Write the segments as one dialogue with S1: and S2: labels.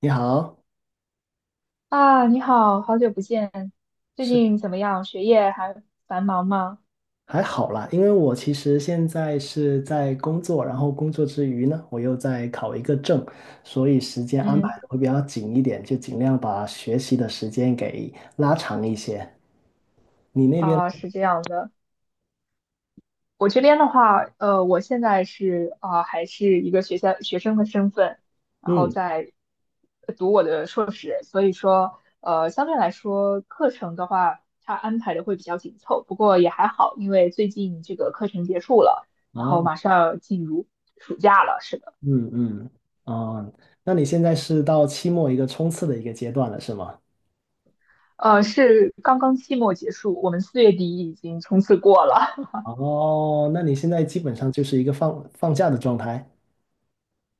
S1: 你好，
S2: 啊，你好，好久不见，最
S1: 是
S2: 近怎么样？学业还繁忙吗？
S1: 还好啦，因为我其实现在是在工作，然后工作之余呢，我又在考一个证，所以时间安排
S2: 嗯。
S1: 的会比较紧一点，就尽量把学习的时间给拉长一些。你那边，
S2: 啊，是这样的，我这边的话，我现在是啊，还是一个学校学生的身份，然后
S1: 嗯，
S2: 在读我的硕士。所以说，相对来说，课程的话，它安排的会比较紧凑，不过也还好，因为最近这个课程结束了，然后
S1: 啊，
S2: 马上要进入暑假了，是的。
S1: 嗯嗯，啊，那你现在是到期末一个冲刺的一个阶段了，是吗？
S2: 是刚刚期末结束，我们四月底已经冲刺过了。
S1: 哦，那你现在基本上就是一个放假的状态，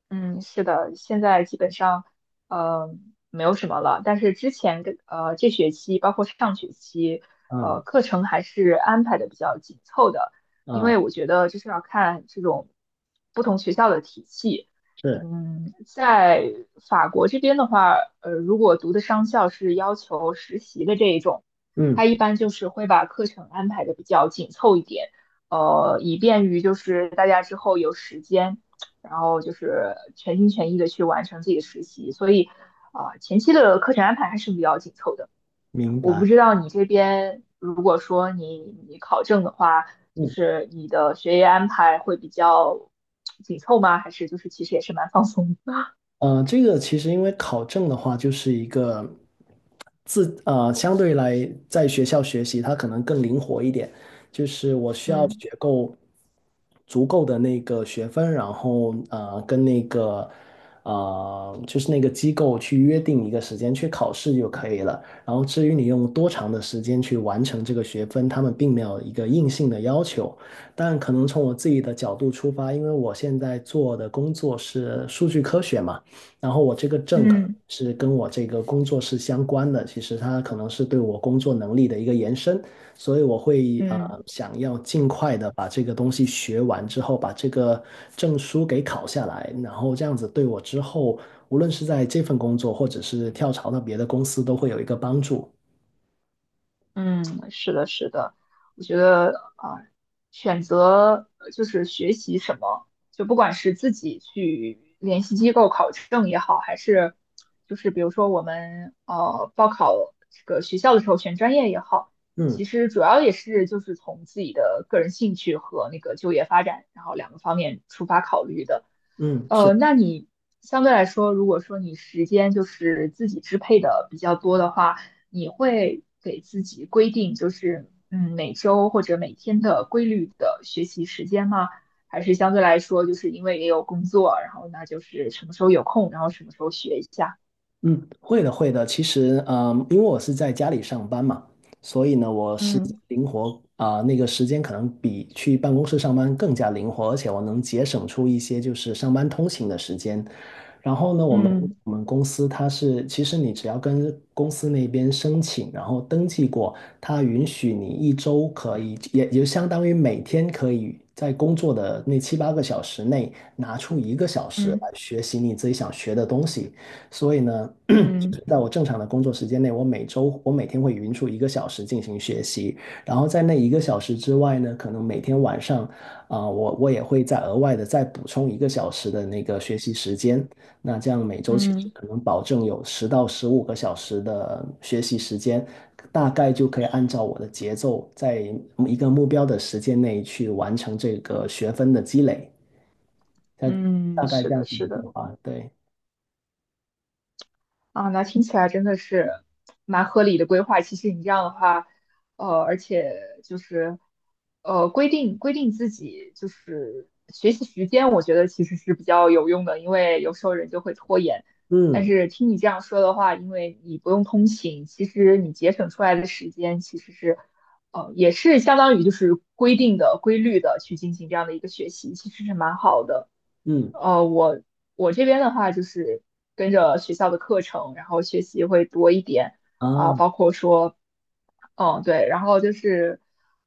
S2: 嗯，是的，现在基本上，呃，没有什么了。但是之前这学期，包括上学期，
S1: 嗯
S2: 课程还是安排的比较紧凑的，因
S1: 嗯，
S2: 为我觉得就是要看这种不同学校的体系。
S1: 是，
S2: 嗯，在法国这边的话，如果读的商校是要求实习的这一种，
S1: 嗯，
S2: 它一般就是会把课程安排的比较紧凑一点，以便于就是大家之后有时间。然后就是全心全意的去完成自己的实习，所以前期的课程安排还是比较紧凑的。
S1: 明
S2: 我不
S1: 白。
S2: 知道你这边如果说你考证的话，就
S1: 嗯。
S2: 是你的学业安排会比较紧凑吗？还是就是其实也是蛮放松的？
S1: 这个其实因为考证的话，就是一个相对来在学校学习，它可能更灵活一点。
S2: 嗯
S1: 足够的那个学分，然后跟那个就是那个机构去约定一个时间去考试就可以了。然后至于你用多长的时间去完成这个学分，他们并没有一个硬性的要求。但可能从我自己的角度出发，因为我现在做的工作是数据科学嘛，然后我这个证可能
S2: 嗯
S1: 是跟我这个工作是相关的，其实它可能是对我工作能力的一个延伸。所以我会
S2: 嗯。
S1: 想要尽快的把这个东西学完之后，把这个证书给考下来，然后这样子对我之后，无论是在这份工作，或者是跳槽到别的公司，都会有一个帮助。
S2: 嗯，是的，是的，我觉得啊，选择就是学习什么，就不管是自己去联系机构考证也好，还是就是比如说我们报考这个学校的时候选专业也好，
S1: 嗯
S2: 其实主要也是就是从自己的个人兴趣和那个就业发展，然后两个方面出发考虑的。
S1: 嗯，是，
S2: 那你相对来说，如果说你时间就是自己支配的比较多的话，你会给自己规定就是每周或者每天的规律的学习时间吗？还是相对来说，就是因为也有工作，然后那就是什么时候有空，然后什么时候学一下？
S1: 嗯，会的。其实因为我是在家里上班嘛，所以呢，我时间
S2: 嗯
S1: 灵活啊、那个时间可能比去办公室上班更加灵活，而且我能节省出一些就是上班通勤的时间。然后呢，
S2: 嗯
S1: 我们公司它是，其实你只要跟公司那边申请，然后登记过，它允许你一周可以，也就相当于每天可以在工作的那七八个小时内拿出一个小时来
S2: 嗯
S1: 学习你自己想学的东西。所以呢，
S2: 嗯
S1: 在我正常的工作时间内，我每天会匀出一个小时进行学习，然后在那一个小时之外呢，可能每天晚上我也会再额外的再补充一个小时的那个学习时间。那这样每周其实
S2: 嗯
S1: 可能保证有10到15个小时的学习时间，大概就可以按照我的节奏，在一个目标的时间内去完成这个学分的积累。大
S2: 嗯，
S1: 大概
S2: 是
S1: 这样
S2: 的，
S1: 子的
S2: 是
S1: 计
S2: 的。
S1: 划，对，
S2: 啊，那听起来真的是蛮合理的规划。其实你这样的话，而且就是规定自己就是学习时间，我觉得其实是比较有用的，因为有时候人就会拖延。但
S1: 嗯
S2: 是听你这样说的话，因为你不用通勤，其实你节省出来的时间其实是，也是相当于就是规定的、规律的去进行这样的一个学习，其实是蛮好的。
S1: 嗯
S2: 呃，我我这边的话就是跟着学校的课程，然后学习会多一点啊，
S1: 啊，
S2: 包括说，嗯，对，然后就是，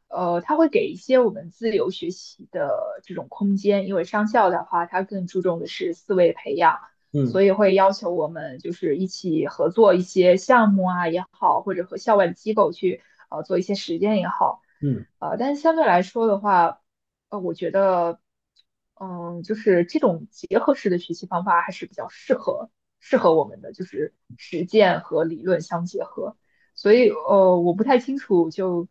S2: 他会给一些我们自由学习的这种空间，因为商校的话，它更注重的是思维培养，
S1: 嗯
S2: 所以会要求我们就是一起合作一些项目啊也好，或者和校外的机构去做一些实践也好。
S1: 嗯。
S2: 但是相对来说的话，我觉得，嗯，就是这种结合式的学习方法还是比较适合我们的，就是实践和理论相结合。所以，我不太清楚就，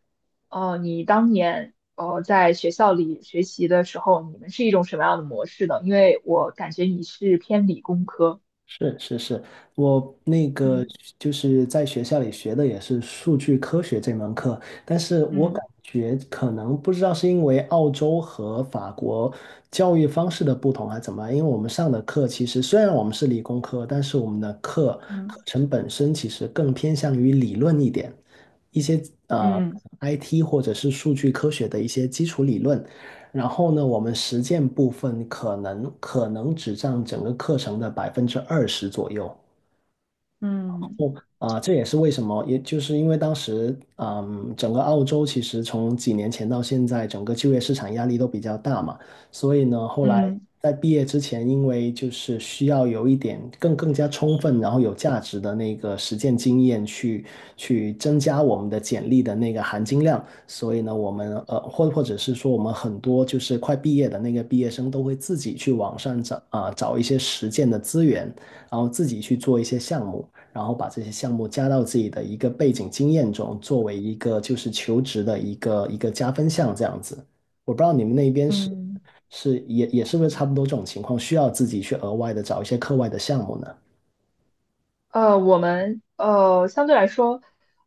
S2: 你当年在学校里学习的时候，你们是一种什么样的模式呢？因为我感觉你是偏理工科。
S1: 是是是，我那个
S2: 嗯
S1: 就是在学校里学的也是数据科学这门课，但是我
S2: 嗯
S1: 感觉可能不知道是因为澳洲和法国教育方式的不同还是怎么样，因为我们上的课其实虽然我们是理工科，但是我们的课课
S2: 嗯
S1: 程本身其实更偏向于理论一点，一些呃
S2: 嗯
S1: IT 或者是数据科学的一些基础理论。然后呢，我们实践部分可能只占整个课程的20%左右。
S2: 嗯
S1: 啊，这也是为什么，也就是因为当时，嗯，整个澳洲其实从几年前到现在，整个就业市场压力都比较大嘛，所以呢，后来
S2: 嗯
S1: 在毕业之前，因为就是需要有一点更加充分，然后有价值的那个实践经验去，去增加我们的简历的那个含金量，所以呢，我们或者是说，我们很多就是快毕业的那个毕业生都会自己去网上找啊，找一些实践的资源，然后自己去做一些项目。然后把这些项目加到自己的一个背景经验中，作为一个就是求职的一个加分项这样子。我不知道你们那边是
S2: 嗯。
S1: 是也是不是差不多这种情况，需要自己去额外的找一些课外的项目呢？
S2: 我们相对来说，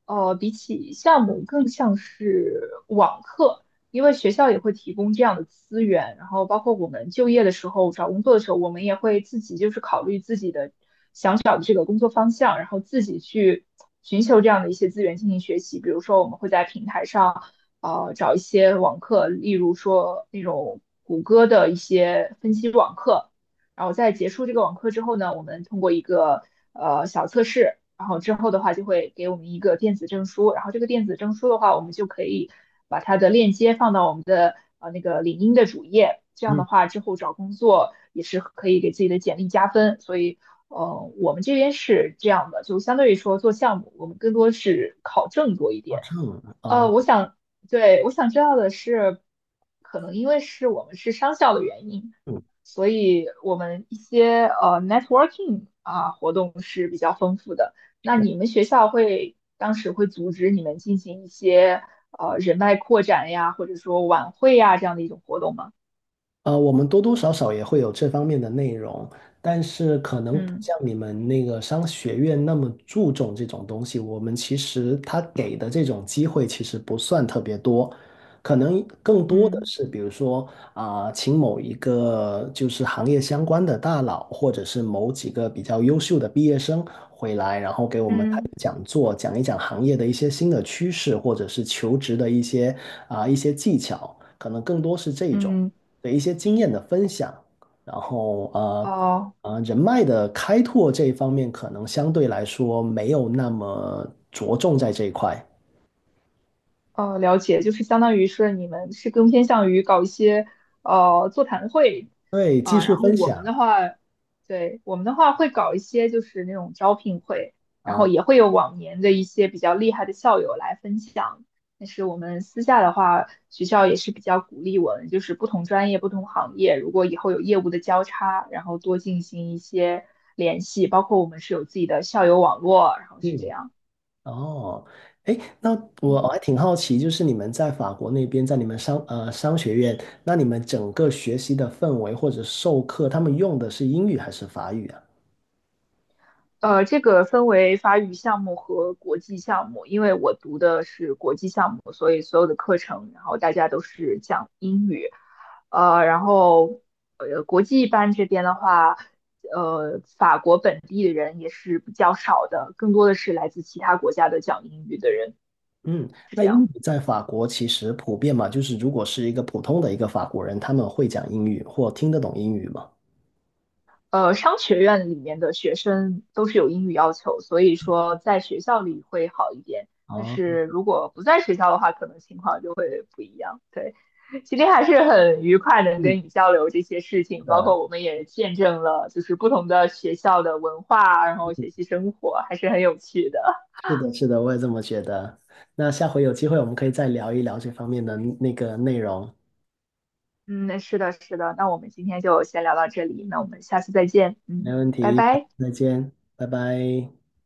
S2: 比起项目更像是网课，因为学校也会提供这样的资源，然后包括我们就业的时候、找工作的时候，我们也会自己就是考虑自己的想找的这个工作方向，然后自己去寻求这样的一些资源进行学习。比如说，我们会在平台上找一些网课，例如说那种谷歌的一些分析网课。然后在结束这个网课之后呢，我们通过一个小测试，然后之后的话就会给我们一个电子证书，然后这个电子证书的话，我们就可以把它的链接放到我们的那个领英的主页，这样
S1: 嗯。
S2: 的话之后找工作也是可以给自己的简历加分。所以我们这边是这样的，就相对于说做项目，我们更多是考证多一
S1: 哦，
S2: 点。
S1: 这样啊，
S2: 我想，对，我想知道的是，可能因为是我们是商校的原因，所以我们一些networking 啊活动是比较丰富的。那你们学校会当时会组织你们进行一些人脉扩展呀，或者说晚会呀这样的一种活动吗？
S1: 我们多多少少也会有这方面的内容，但是可能不
S2: 嗯
S1: 像你们那个商学院那么注重这种东西。我们其实他给的这种机会其实不算特别多，可能更多的
S2: 嗯
S1: 是比如说请某一个就是行业相关的大佬，或者是某几个比较优秀的毕业生回来，然后给我们开个
S2: 嗯
S1: 讲座，讲一讲行业的一些新的趋势，或者是求职的一些一些技巧，可能更多是这种。
S2: 嗯。
S1: 的一些经验的分享，然后
S2: 哦、
S1: 人脉的开拓这一方面，可能相对来说没有那么着重在这一块。
S2: 了解，就是相当于是你们是更偏向于搞一些座谈会
S1: 对，技
S2: 啊，
S1: 术
S2: 然后
S1: 分
S2: 我
S1: 享
S2: 们的话，对，我们的话会搞一些就是那种招聘会，然
S1: 啊，
S2: 后也会有往年的一些比较厉害的校友来分享。但是我们私下的话，学校也是比较鼓励我们，就是不同专业、不同行业，如果以后有业务的交叉，然后多进行一些联系，包括我们是有自己的校友网络，然后是这
S1: 嗯，
S2: 样。
S1: 哦，哎，那我
S2: 嗯。
S1: 还挺好奇，就是你们在法国那边，在你们商学院，那你们整个学习的氛围或者授课，他们用的是英语还是法语啊？
S2: 这个分为法语项目和国际项目，因为我读的是国际项目，所以所有的课程，然后大家都是讲英语。然后国际班这边的话，法国本地的人也是比较少的，更多的是来自其他国家的讲英语的人，
S1: 嗯，
S2: 是
S1: 那
S2: 这
S1: 英
S2: 样。
S1: 语在法国其实普遍嘛，就是如果是一个普通的一个法国人，他们会讲英语或听得懂英语嘛？
S2: 商学院里面的学生都是有英语要求，所以说在学校里会好一点。但
S1: 啊，
S2: 是如果不在学校的话，可能情况就会不一样。对，今天还是很愉快能
S1: 嗯，
S2: 跟你交流这些事
S1: 是
S2: 情，包
S1: 的，
S2: 括我们也见证了就是不同的学校的文化，然后学
S1: 嗯
S2: 习生活，还是很有趣的。
S1: 是的，是的，我也这么觉得。那下回有机会我们可以再聊一聊这方面的那个内容，
S2: 嗯，是的，是的。那我们今天就先聊到这里，那我们下次再见。
S1: 没
S2: 嗯，
S1: 问
S2: 拜
S1: 题，
S2: 拜。
S1: 再见，拜拜。